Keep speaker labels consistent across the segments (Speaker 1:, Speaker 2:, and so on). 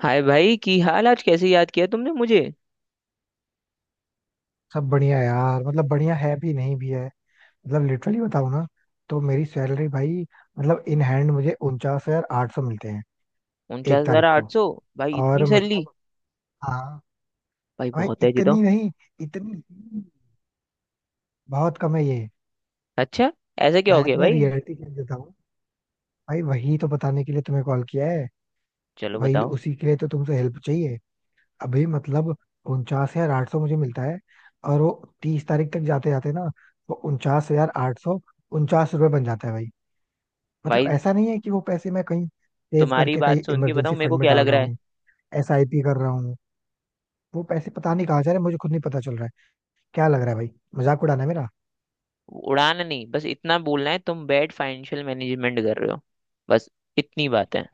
Speaker 1: हाय भाई की हाल आज। कैसे याद किया तुमने मुझे।
Speaker 2: सब बढ़िया यार। मतलब बढ़िया है भी नहीं भी है। मतलब लिटरली बताऊं ना। तो मेरी सैलरी भाई, मतलब इन हैंड मुझे 49,800 मिलते हैं
Speaker 1: उनचास
Speaker 2: एक
Speaker 1: हजार
Speaker 2: तारीख को।
Speaker 1: आठ सौ भाई इतनी
Speaker 2: और
Speaker 1: सैलरी।
Speaker 2: मतलब हाँ।
Speaker 1: भाई
Speaker 2: भाई
Speaker 1: बहुत है जी तो।
Speaker 2: इतनी नहीं, इतनी बहुत कम है ये।
Speaker 1: अच्छा। ऐसा क्या हो
Speaker 2: मैं
Speaker 1: गया
Speaker 2: तुम्हें
Speaker 1: भाई।
Speaker 2: रियलिटी चेक देता हूँ। भाई वही तो बताने के लिए तुम्हें कॉल किया है। तो
Speaker 1: चलो
Speaker 2: भाई
Speaker 1: बताओ।
Speaker 2: उसी के लिए तो तुमसे हेल्प चाहिए। अभी मतलब 49,800 मुझे मिलता है। और वो 30 तारीख तक जाते जाते ना, वो 49,849 रुपये बन जाता है भाई। मतलब
Speaker 1: भाई
Speaker 2: ऐसा नहीं है कि वो पैसे मैं कहीं सेव
Speaker 1: तुम्हारी
Speaker 2: करके कहीं
Speaker 1: बात सुन के बताओ
Speaker 2: इमरजेंसी
Speaker 1: मेरे
Speaker 2: फंड
Speaker 1: को
Speaker 2: में
Speaker 1: क्या
Speaker 2: डाल
Speaker 1: लग
Speaker 2: रहा
Speaker 1: रहा है।
Speaker 2: हूँ। एसआईपी कर रहा हूँ। वो पैसे पता नहीं कहाँ जा रहे हैं, मुझे खुद नहीं पता चल रहा है। क्या लग रहा है भाई, मजाक उड़ाना है मेरा।
Speaker 1: उड़ान नहीं, बस इतना बोलना है तुम बैड फाइनेंशियल मैनेजमेंट कर रहे हो। बस। इतनी बात है।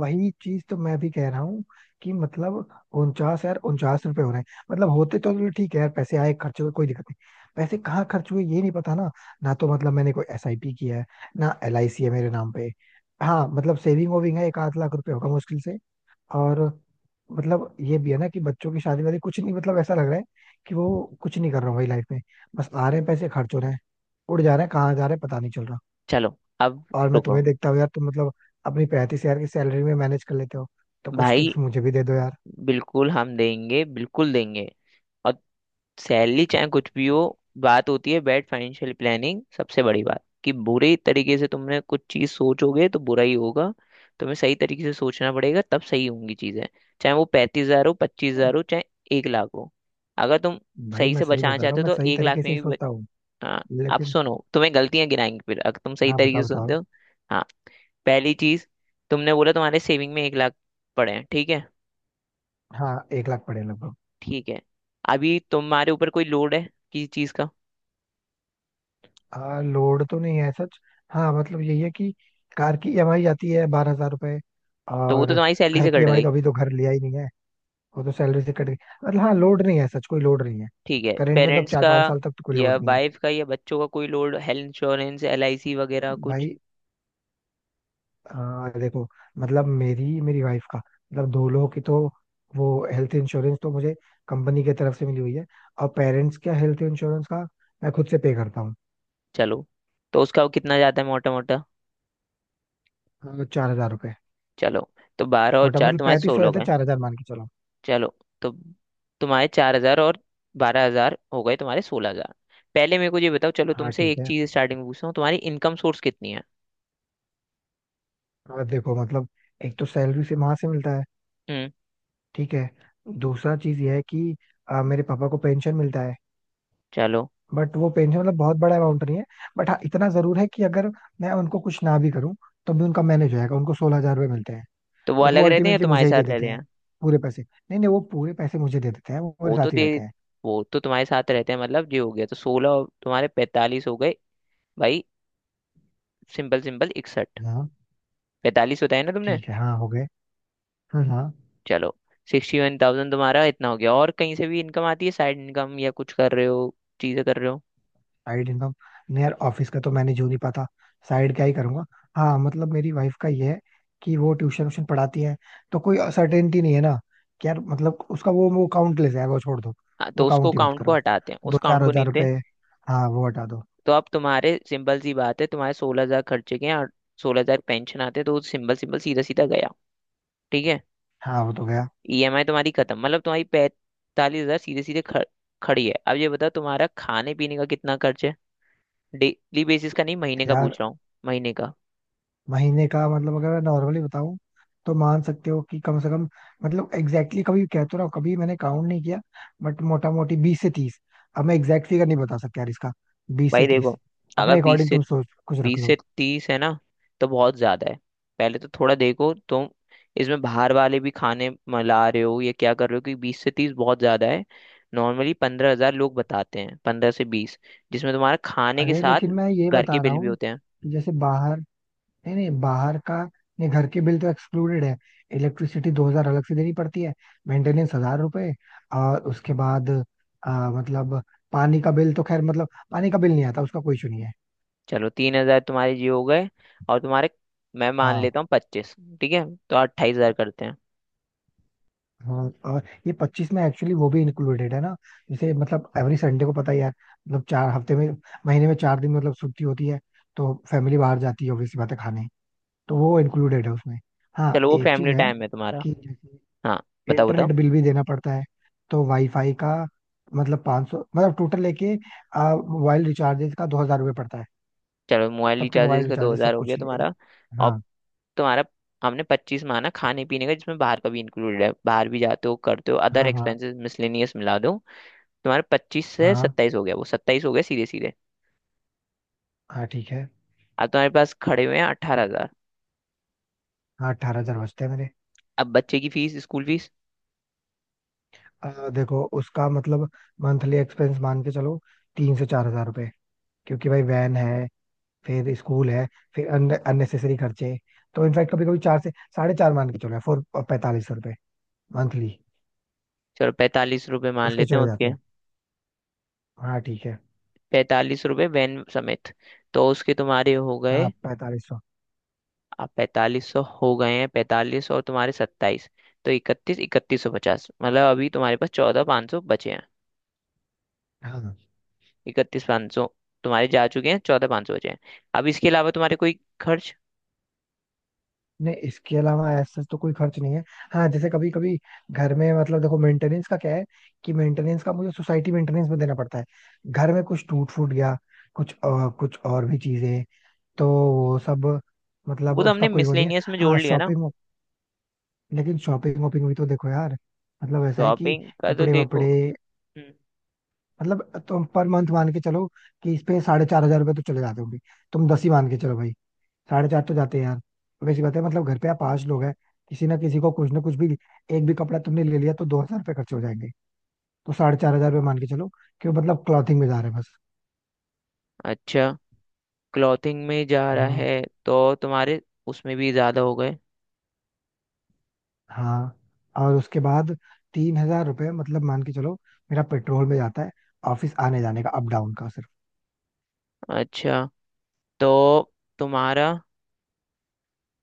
Speaker 2: वही चीज तो मैं भी कह रहा हूँ कि मतलब उनचास यार, 49 रुपए हो रहे हैं। मतलब होते तो चलो ठीक है यार, पैसे आए खर्च हुए कोई दिक्कत नहीं। पैसे कहाँ खर्च हुए ये नहीं पता ना। ना तो मतलब मैंने कोई एसआईपी किया है, ना एलआईसी है मेरे नाम पे। हाँ मतलब सेविंग वेविंग है, एक आध लाख रुपए होगा मुश्किल से। और मतलब ये भी है ना कि बच्चों की शादी वादी कुछ नहीं, मतलब ऐसा लग रहा है कि वो कुछ नहीं कर रहा हूँ भाई लाइफ में। बस आ रहे हैं पैसे, खर्च हो रहे हैं, उड़ जा रहे हैं, कहाँ जा रहे हैं पता नहीं चल रहा।
Speaker 1: चलो अब
Speaker 2: और मैं
Speaker 1: रुको।
Speaker 2: तुम्हें देखता हूँ यार, तुम मतलब अपनी 35 हजार की सैलरी में मैनेज कर लेते हो, तो कुछ
Speaker 1: भाई
Speaker 2: टिप्स मुझे भी दे दो यार।
Speaker 1: बिल्कुल हम देंगे, बिल्कुल देंगे। और सैलरी चाहे कुछ भी हो, बात होती है बैड फाइनेंशियल प्लानिंग। सबसे बड़ी बात कि बुरे तरीके से तुमने कुछ चीज सोचोगे तो बुरा ही होगा। तुम्हें सही तरीके से सोचना पड़ेगा तब सही होंगी चीजें। चाहे वो 35 हजार हो, पच्चीस
Speaker 2: नहीं,
Speaker 1: हजार हो, चाहे 1 लाख हो। अगर तुम
Speaker 2: भाई
Speaker 1: सही
Speaker 2: मैं
Speaker 1: से
Speaker 2: सही
Speaker 1: बचाना
Speaker 2: बता रहा
Speaker 1: चाहते
Speaker 2: हूँ,
Speaker 1: हो
Speaker 2: मैं
Speaker 1: तो
Speaker 2: सही
Speaker 1: 1 लाख
Speaker 2: तरीके से
Speaker 1: में
Speaker 2: ही
Speaker 1: भी
Speaker 2: सोचता हूँ।
Speaker 1: हाँ, आप
Speaker 2: लेकिन
Speaker 1: सुनो, तुम्हें गलतियां गिनाएंगे। फिर अगर तुम सही
Speaker 2: हाँ,
Speaker 1: तरीके
Speaker 2: बताओ
Speaker 1: से सुनते
Speaker 2: बताओ।
Speaker 1: हो। हाँ, पहली चीज। तुमने बोला तुम्हारे सेविंग में 1 लाख पड़े हैं, ठीक है।
Speaker 2: हाँ 1 लाख पड़े लगभग।
Speaker 1: ठीक है, अभी तुम्हारे ऊपर कोई लोड है किसी चीज का।
Speaker 2: लोड तो नहीं है सच। हाँ मतलब यही है कि कार की ईएमआई आती है 12,000 रुपए।
Speaker 1: तो वो
Speaker 2: और
Speaker 1: तो तुम्हारी सैलरी
Speaker 2: घर
Speaker 1: से
Speaker 2: की
Speaker 1: कट
Speaker 2: ईएमआई तो
Speaker 1: गई,
Speaker 2: अभी तो घर लिया ही नहीं है, वो तो सैलरी से कट गई। मतलब हाँ, लोड नहीं है सच, कोई लोड नहीं है।
Speaker 1: ठीक है।
Speaker 2: करेंट मतलब
Speaker 1: पेरेंट्स
Speaker 2: चार
Speaker 1: का
Speaker 2: पांच साल तक तो कोई
Speaker 1: या
Speaker 2: लोड नहीं है।
Speaker 1: वाइफ का या बच्चों का कोई load, health insurance, L I C वगैरह कुछ।
Speaker 2: भाई देखो, मतलब मेरी मेरी वाइफ का, मतलब दो लोगों की तो वो हेल्थ इंश्योरेंस तो मुझे कंपनी की तरफ से मिली हुई है। और पेरेंट्स का हेल्थ इंश्योरेंस का मैं खुद से पे करता
Speaker 1: चलो। तो उसका वो कितना जाता है मोटा मोटा।
Speaker 2: हूँ। 4,000 रुपये।
Speaker 1: चलो, तो बारह और
Speaker 2: मोटा
Speaker 1: चार
Speaker 2: मतलब
Speaker 1: तुम्हारे
Speaker 2: पैंतीस हो
Speaker 1: 16 हो
Speaker 2: जाता है,
Speaker 1: गए।
Speaker 2: 4,000 मान के चलो।
Speaker 1: चलो, तो तुम्हारे 4 हजार और 12 हजार हो गए तुम्हारे 16 हजार। पहले मेरे को ये बताओ, चलो
Speaker 2: हाँ
Speaker 1: तुमसे
Speaker 2: ठीक
Speaker 1: एक
Speaker 2: है।
Speaker 1: चीज स्टार्टिंग में पूछता हूँ, तुम्हारी इनकम सोर्स कितनी है।
Speaker 2: और देखो मतलब एक तो सैलरी से वहां से मिलता है।
Speaker 1: हम्म।
Speaker 2: ठीक है। दूसरा चीज यह है कि मेरे पापा को पेंशन मिलता है।
Speaker 1: चलो।
Speaker 2: बट वो पेंशन मतलब बहुत बड़ा अमाउंट नहीं है। बट हाँ इतना जरूर है कि अगर मैं उनको कुछ ना भी करूँ तो भी उनका मैनेज हो जाएगा, उनको 16,000 रुपये मिलते हैं।
Speaker 1: तो वो
Speaker 2: बट वो
Speaker 1: अलग रहते हैं या
Speaker 2: अल्टीमेटली
Speaker 1: तुम्हारे
Speaker 2: मुझे ही
Speaker 1: साथ
Speaker 2: दे
Speaker 1: रहते
Speaker 2: देते हैं
Speaker 1: हैं।
Speaker 2: पूरे पैसे। नहीं नहीं, वो पूरे पैसे मुझे दे देते हैं, वो मेरे
Speaker 1: वो तो
Speaker 2: साथ ही
Speaker 1: दे,
Speaker 2: रहते हैं।
Speaker 1: वो तो तुम्हारे साथ रहते हैं, मतलब ये हो गया तो 16 तुम्हारे 45 हो गए। भाई सिंपल सिंपल 61।
Speaker 2: हाँ
Speaker 1: पैंतालीस बताया ना तुमने।
Speaker 2: ठीक है। हाँ हो गए। हाँ हाँ।
Speaker 1: चलो। 61,000 तुम्हारा इतना हो गया और कहीं से भी इनकम आती है, साइड इनकम या कुछ कर रहे हो चीजें कर रहे हो।
Speaker 2: साइड इनकम, नहीं यार, ऑफिस का तो मैनेज हो नहीं पाता, साइड क्या ही करूंगा। हाँ मतलब मेरी वाइफ का ये है कि वो ट्यूशन व्यूशन पढ़ाती है, तो कोई सर्टेनिटी नहीं है ना कि यार, मतलब उसका वो काउंटलेस है, वो छोड़ दो,
Speaker 1: हाँ,
Speaker 2: वो
Speaker 1: तो उसको
Speaker 2: काउंट ही मत
Speaker 1: काउंट को
Speaker 2: करो।
Speaker 1: हटाते हैं, उस
Speaker 2: दो
Speaker 1: काउंट
Speaker 2: चार
Speaker 1: को नहीं
Speaker 2: हजार
Speaker 1: लेते।
Speaker 2: रुपए। हाँ वो हटा दो।
Speaker 1: तो अब तुम्हारे सिंपल सी बात है, तुम्हारे सोलह हजार खर्चे के हैं और 16 हजार पेंशन आते हैं, तो सिंपल सिंपल सीधा सीधा गया, ठीक है।
Speaker 2: हाँ वो तो गया।
Speaker 1: ईएमआई तुम्हारी खत्म, मतलब तुम्हारी 45 हजार सीधे सीधे खड़ी है। अब ये बताओ तुम्हारा खाने पीने का कितना खर्च है। डेली बेसिस का नहीं, महीने का
Speaker 2: यार
Speaker 1: पूछ रहा हूँ। महीने का।
Speaker 2: महीने का मतलब अगर मैं नॉर्मली बताऊं तो मान सकते हो कि कम से कम, मतलब एग्जैक्टली कभी कह तो रहा हूं, कभी मैंने काउंट नहीं किया। बट मोटा मोटी 20 से 30। अब मैं एग्जैक्ट फिगर नहीं बता सकता यार इसका, बीस
Speaker 1: भाई
Speaker 2: से
Speaker 1: देखो,
Speaker 2: तीस
Speaker 1: अगर
Speaker 2: अपने
Speaker 1: बीस
Speaker 2: अकॉर्डिंग
Speaker 1: से,
Speaker 2: तुम सोच कुछ रख
Speaker 1: बीस
Speaker 2: लो।
Speaker 1: से तीस है ना, तो बहुत ज्यादा है। पहले तो थोड़ा देखो तुम, इसमें बाहर वाले भी खाने मिला रहे हो या क्या कर रहे हो, क्योंकि 20 से 30 बहुत ज्यादा है। नॉर्मली 15 हजार लोग बताते हैं, 15 से 20, जिसमें तुम्हारा खाने के
Speaker 2: अरे
Speaker 1: साथ
Speaker 2: लेकिन मैं ये
Speaker 1: घर के
Speaker 2: बता रहा
Speaker 1: बिल भी
Speaker 2: हूँ
Speaker 1: होते हैं।
Speaker 2: कि जैसे बाहर, नहीं नहीं बाहर का नहीं, घर के बिल तो एक्सक्लूडेड है। इलेक्ट्रिसिटी 2,000 अलग से देनी पड़ती है, मेंटेनेंस हजार रुपए। और उसके बाद मतलब पानी का बिल तो खैर, मतलब पानी का बिल नहीं आता, उसका कोई इशू नहीं है।
Speaker 1: चलो 3 हजार तुम्हारे जी हो गए। और तुम्हारे, मैं मान
Speaker 2: हाँ
Speaker 1: लेता हूँ 25, ठीक है। तो 28 हजार करते हैं।
Speaker 2: हाँ। और ये 25 में एक्चुअली वो भी इंक्लूडेड है ना। जैसे मतलब एवरी संडे को पता ही है, मतलब 4 हफ्ते में, महीने में 4 दिन मतलब छुट्टी होती है, तो फैमिली बाहर जाती है ऑब्वियसली, बात है खाने, तो वो इंक्लूडेड है उसमें। हाँ
Speaker 1: चलो वो
Speaker 2: एक चीज
Speaker 1: फैमिली
Speaker 2: है
Speaker 1: टाइम है तुम्हारा।
Speaker 2: कि जैसे
Speaker 1: हाँ बताओ बताओ।
Speaker 2: इंटरनेट बिल भी देना पड़ता है, तो वाईफाई का मतलब 500, मतलब टोटल लेके मोबाइल रिचार्जेस का 2,000 रुपये पड़ता है।
Speaker 1: चलो मोबाइल
Speaker 2: सबके मोबाइल
Speaker 1: रिचार्जेस का दो
Speaker 2: रिचार्जेस
Speaker 1: हजार
Speaker 2: सब
Speaker 1: हो गया
Speaker 2: कुछ लिए।
Speaker 1: तुम्हारा। और
Speaker 2: हाँ।
Speaker 1: तुम्हारा, हमने 25 माना खाने पीने का जिसमें बाहर का भी इंक्लूडेड है, बाहर भी जाते हो करते हो, अदर
Speaker 2: हाँ। हाँ।
Speaker 1: एक्सपेंसेस मिसलेनियस मिला दो। तुम्हारे 25 से
Speaker 2: हाँ।
Speaker 1: 27 हो गया वो, 27 हो गया सीधे सीधे।
Speaker 2: हाँ ठीक है।
Speaker 1: अब तुम्हारे पास खड़े हुए हैं 18 हजार।
Speaker 2: हाँ 18,000 बचते हैं मेरे।
Speaker 1: अब बच्चे की फीस स्कूल फीस।
Speaker 2: देखो उसका मतलब मंथली एक्सपेंस मान के चलो 3 से 4,000 रुपए। क्योंकि भाई वैन है, फिर स्कूल है, फिर अननेसेसरी खर्चे। तो इनफैक्ट कभी कभी चार से साढ़े चार मान के चलो, फोर 4,500 रुपए मंथली
Speaker 1: चलो 45 रुपये मान
Speaker 2: उसके
Speaker 1: लेते हैं
Speaker 2: चले जाते
Speaker 1: उसके,
Speaker 2: हैं। हाँ ठीक है।
Speaker 1: पैंतालीस रुपये वैन समेत। तो उसके तुम्हारे हो
Speaker 2: हाँ
Speaker 1: गए।
Speaker 2: 4,500।
Speaker 1: अब 4500 हो गए हैं 45 और तुम्हारे 27, तो इकतीस, 3150, मतलब अभी तुम्हारे पास चौदह पाँच सौ बचे हैं।
Speaker 2: हाँ
Speaker 1: इकतीस पाँच सौ तुम्हारे जा चुके हैं, चौदह पाँच सौ बचे हैं। अब इसके अलावा तुम्हारे कोई खर्च।
Speaker 2: नहीं, इसके अलावा ऐसा तो कोई खर्च नहीं है। हाँ जैसे कभी कभी घर में, मतलब देखो मेंटेनेंस का क्या है, कि मेंटेनेंस का मुझे सोसाइटी मेंटेनेंस में देना पड़ता है, घर में कुछ टूट फूट गया, कुछ और भी चीजें, तो वो सब
Speaker 1: वो
Speaker 2: मतलब
Speaker 1: तो
Speaker 2: उसका
Speaker 1: हमने
Speaker 2: कोई वो नहीं है।
Speaker 1: मिसलेनियस में जोड़
Speaker 2: हाँ
Speaker 1: लिया ना।
Speaker 2: शॉपिंग। लेकिन शॉपिंग वॉपिंग भी तो देखो यार, मतलब ऐसा है कि
Speaker 1: शॉपिंग का तो
Speaker 2: कपड़े
Speaker 1: देखो।
Speaker 2: वपड़े,
Speaker 1: हम्म।
Speaker 2: मतलब तुम पर मंथ मान के चलो कि इस पे 4,500 रुपये तो चले जाते होंगे। तुम 10 ही मान के चलो भाई, साढ़े चार तो जाते हैं यार। वैसी बात है, मतलब घर पे आप पांच लोग हैं, किसी ना किसी को कुछ ना कुछ भी, एक भी कपड़ा तुमने ले लिया तो 2,000 रुपये खर्च हो जाएंगे। तो 4,500 रुपये मान के चलो कि वो मतलब क्लॉथिंग में जा रहे हैं बस।
Speaker 1: अच्छा। क्लॉथिंग में जा रहा
Speaker 2: हाँ
Speaker 1: है तो तुम्हारे उसमें भी ज़्यादा हो गए।
Speaker 2: हाँ। और उसके बाद 3,000 रुपये मतलब मान के चलो मेरा पेट्रोल में जाता है, ऑफिस आने जाने का अप डाउन का सिर्फ।
Speaker 1: अच्छा। तो तुम्हारा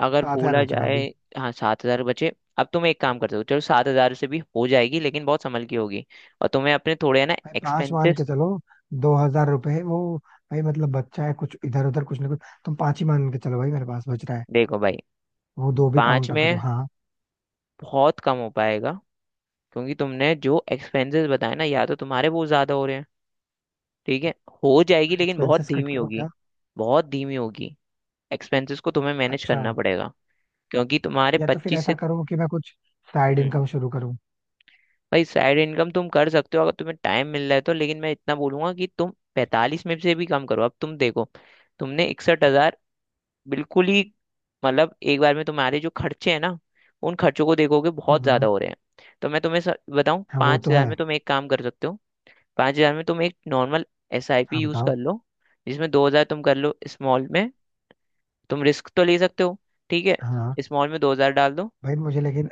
Speaker 1: अगर
Speaker 2: 7,000
Speaker 1: बोला
Speaker 2: बचेगा
Speaker 1: जाए,
Speaker 2: अभी।
Speaker 1: हाँ सात हज़ार बचे। अब तुम एक काम कर सकते हो, चलो सात हज़ार से भी हो जाएगी लेकिन बहुत संभल की होगी, और तुम्हें अपने थोड़े है ना
Speaker 2: भाई पांच मान के
Speaker 1: एक्सपेंसेस।
Speaker 2: चलो, 2,000 रुपये वो, भाई मतलब बच्चा है कुछ इधर उधर कुछ ना कुछ, तुम पांच ही मान के चलो भाई, मेरे पास बच रहा है।
Speaker 1: देखो भाई,
Speaker 2: वो दो भी
Speaker 1: पाँच
Speaker 2: काउंट करो
Speaker 1: में
Speaker 2: हाँ।
Speaker 1: बहुत कम हो पाएगा क्योंकि तुमने जो एक्सपेंसेस बताए ना, या तो तुम्हारे वो ज्यादा हो रहे हैं। ठीक है, हो जाएगी लेकिन बहुत
Speaker 2: एक्सपेंसेस कट
Speaker 1: धीमी
Speaker 2: करो
Speaker 1: होगी।
Speaker 2: क्या?
Speaker 1: बहुत धीमी होगी। एक्सपेंसेस को तुम्हें मैनेज
Speaker 2: अच्छा,
Speaker 1: करना पड़ेगा क्योंकि तुम्हारे
Speaker 2: या तो फिर
Speaker 1: पच्चीस
Speaker 2: ऐसा
Speaker 1: से।
Speaker 2: करो कि मैं कुछ साइड
Speaker 1: हम्म।
Speaker 2: इनकम शुरू करूँ।
Speaker 1: भाई साइड इनकम तुम कर सकते हो अगर तुम्हें टाइम मिल रहा है तो, लेकिन मैं इतना बोलूंगा कि तुम 45 में से भी कम करो। अब तुम देखो तुमने 61 हजार बिल्कुल ही, मतलब एक बार में तुम्हारे जो खर्चे हैं ना, उन खर्चों को देखोगे बहुत
Speaker 2: हम्म।
Speaker 1: ज्यादा हो रहे हैं। तो मैं तुम्हें बताऊं,
Speaker 2: हाँ वो
Speaker 1: पांच
Speaker 2: तो
Speaker 1: हजार
Speaker 2: है।
Speaker 1: में तुम एक काम कर सकते हो। 5 हजार में तुम एक नॉर्मल SIP
Speaker 2: हाँ
Speaker 1: यूज
Speaker 2: बताओ।
Speaker 1: कर लो, जिसमें 2 हजार तुम कर लो स्मॉल में। तुम रिस्क तो ले सकते हो, ठीक है।
Speaker 2: हाँ।
Speaker 1: स्मॉल में 2 हजार डाल दो।
Speaker 2: भाई मुझे लेकिन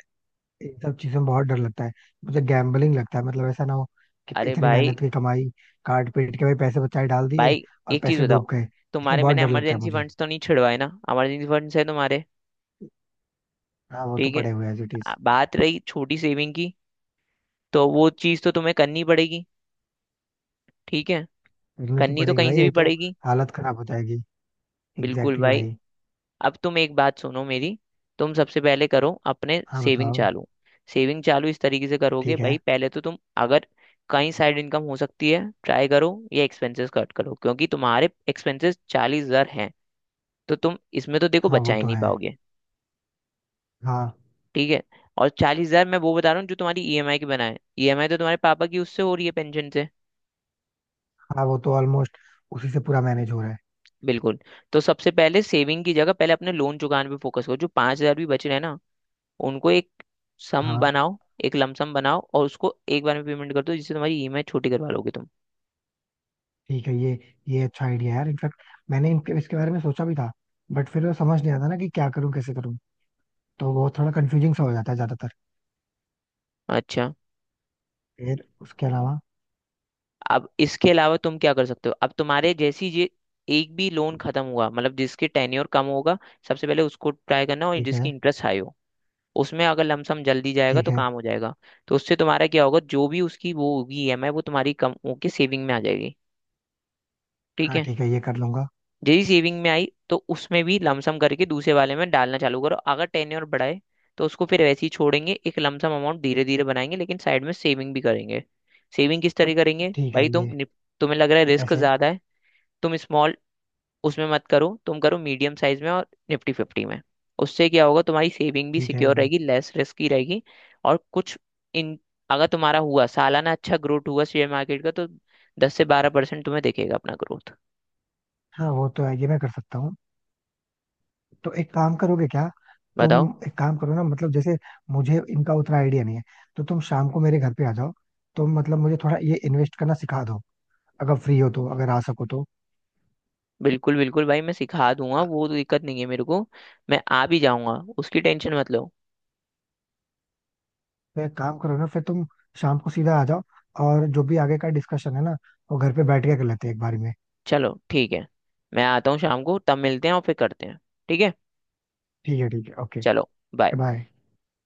Speaker 2: इन सब चीजों में बहुत डर लगता है, मुझे गैम्बलिंग लगता है, मतलब ऐसा ना हो कि
Speaker 1: अरे
Speaker 2: इतनी
Speaker 1: भाई।
Speaker 2: मेहनत की कमाई काट पीट के भाई पैसे बचाए डाल दिए
Speaker 1: भाई
Speaker 2: और
Speaker 1: एक चीज
Speaker 2: पैसे डूब
Speaker 1: बताओ,
Speaker 2: गए। इसलिए
Speaker 1: तुम्हारे
Speaker 2: बहुत
Speaker 1: मैंने
Speaker 2: डर लगता है
Speaker 1: इमरजेंसी
Speaker 2: मुझे।
Speaker 1: फंड्स तो नहीं छिड़वाए ना। इमरजेंसी फंड्स है तुम्हारे,
Speaker 2: हाँ वो तो
Speaker 1: ठीक है।
Speaker 2: पड़े हुए एज इट इज।
Speaker 1: बात रही छोटी सेविंग की, तो वो चीज तो तुम्हें करनी पड़ेगी। ठीक है,
Speaker 2: करनी तो
Speaker 1: करनी तो
Speaker 2: पड़ेगी
Speaker 1: कहीं
Speaker 2: भाई
Speaker 1: से भी
Speaker 2: ये तो,
Speaker 1: पड़ेगी।
Speaker 2: हालत खराब हो जाएगी।
Speaker 1: बिल्कुल
Speaker 2: एग्जैक्टली
Speaker 1: भाई।
Speaker 2: भाई।
Speaker 1: अब तुम एक बात सुनो मेरी, तुम सबसे पहले करो अपने
Speaker 2: हाँ
Speaker 1: सेविंग
Speaker 2: बताओ।
Speaker 1: चालू। सेविंग चालू इस तरीके से करोगे
Speaker 2: ठीक है।
Speaker 1: भाई, पहले तो तुम अगर कहीं साइड इनकम हो सकती है ट्राई करो या एक्सपेंसेस कट करो, क्योंकि तुम्हारे एक्सपेंसेस 40 हजार हैं, तो तुम इसमें तो देखो
Speaker 2: हाँ
Speaker 1: बचा
Speaker 2: वो
Speaker 1: ही
Speaker 2: तो
Speaker 1: नहीं
Speaker 2: है।
Speaker 1: पाओगे,
Speaker 2: हाँ
Speaker 1: ठीक है। और 40 हजार मैं वो बता रहा हूँ जो तुम्हारी ईएमआई की बना है, ईएमआई तो तुम्हारे पापा की उससे हो रही है पेंशन से।
Speaker 2: हाँ, वो तो ऑलमोस्ट उसी से पूरा मैनेज हो रहा है।
Speaker 1: बिल्कुल। तो सबसे पहले सेविंग की जगह पहले अपने लोन चुकाने पे फोकस करो। जो 5 हजार भी बच रहे हैं ना, उनको एक सम
Speaker 2: हाँ
Speaker 1: बनाओ, एक लमसम बनाओ और उसको एक बार में पेमेंट कर दो, जिससे तुम्हारी ईएमआई छोटी करवा लोगे तुम।
Speaker 2: ठीक है ये अच्छा आइडिया है यार, इनफैक्ट मैंने इनके इसके बारे में सोचा भी था, बट फिर वो समझ नहीं आता ना कि क्या करूँ कैसे करूँ, तो वो थोड़ा कंफ्यूजिंग सा हो जाता है ज्यादातर।
Speaker 1: अच्छा,
Speaker 2: फिर उसके अलावा।
Speaker 1: अब इसके अलावा तुम क्या कर सकते हो। अब तुम्हारे जैसी ये एक भी लोन खत्म हुआ मतलब जिसके टेन्योर कम होगा सबसे पहले उसको ट्राई करना, और
Speaker 2: ठीक
Speaker 1: जिसकी
Speaker 2: है।
Speaker 1: इंटरेस्ट हाई हो उसमें अगर लमसम जल्दी जाएगा
Speaker 2: ठीक
Speaker 1: तो
Speaker 2: है।
Speaker 1: काम हो जाएगा। तो उससे तुम्हारा क्या होगा, जो भी उसकी वो होगी ईएमआई वो तुम्हारी कम होके सेविंग में आ जाएगी, ठीक
Speaker 2: हाँ
Speaker 1: है।
Speaker 2: ठीक है, ये कर लूंगा।
Speaker 1: यदि सेविंग में आई तो उसमें भी लमसम करके दूसरे वाले में डालना चालू करो, अगर टेन ईयर बढ़ाए तो उसको फिर वैसे ही छोड़ेंगे, एक लमसम अमाउंट धीरे धीरे बनाएंगे लेकिन साइड में सेविंग भी करेंगे। सेविंग किस तरह करेंगे,
Speaker 2: ठीक
Speaker 1: भाई
Speaker 2: है
Speaker 1: तुम
Speaker 2: ये।
Speaker 1: तुम्हें लग रहा है रिस्क
Speaker 2: कैसे?
Speaker 1: ज्यादा है। तुम स्मॉल उसमें मत करो, तुम करो मीडियम साइज में और निफ्टी फिफ्टी में। उससे क्या होगा, तुम्हारी सेविंग भी
Speaker 2: ठीक है
Speaker 1: सिक्योर
Speaker 2: ये।
Speaker 1: रहेगी, लेस रिस्क की रहेगी। और कुछ इन अगर तुम्हारा हुआ सालाना अच्छा ग्रोथ हुआ शेयर मार्केट का तो 10 से 12% तुम्हें दिखेगा अपना ग्रोथ।
Speaker 2: हाँ वो तो है, ये मैं कर सकता हूँ। तो एक काम करोगे क्या? तुम
Speaker 1: बताओ।
Speaker 2: एक काम करो ना, मतलब जैसे मुझे इनका उतना आइडिया नहीं है, तो तुम शाम को मेरे घर पे आ जाओ, तुम मतलब मुझे थोड़ा ये इन्वेस्ट करना सिखा दो अगर फ्री हो तो, अगर आ सको तो।
Speaker 1: बिल्कुल बिल्कुल भाई मैं सिखा दूंगा, वो तो दिक्कत नहीं है मेरे को। मैं आ भी जाऊंगा, उसकी टेंशन मत लो।
Speaker 2: तो एक काम करो ना, फिर तुम शाम को सीधा आ जाओ, और जो भी आगे का डिस्कशन है ना वो घर पे बैठ के कर लेते हैं एक बार में।
Speaker 1: चलो ठीक है, मैं आता हूँ शाम को तब मिलते हैं और फिर करते हैं। ठीक है।
Speaker 2: ठीक है ठीक है, ओके।
Speaker 1: चलो bye।
Speaker 2: Okay bye.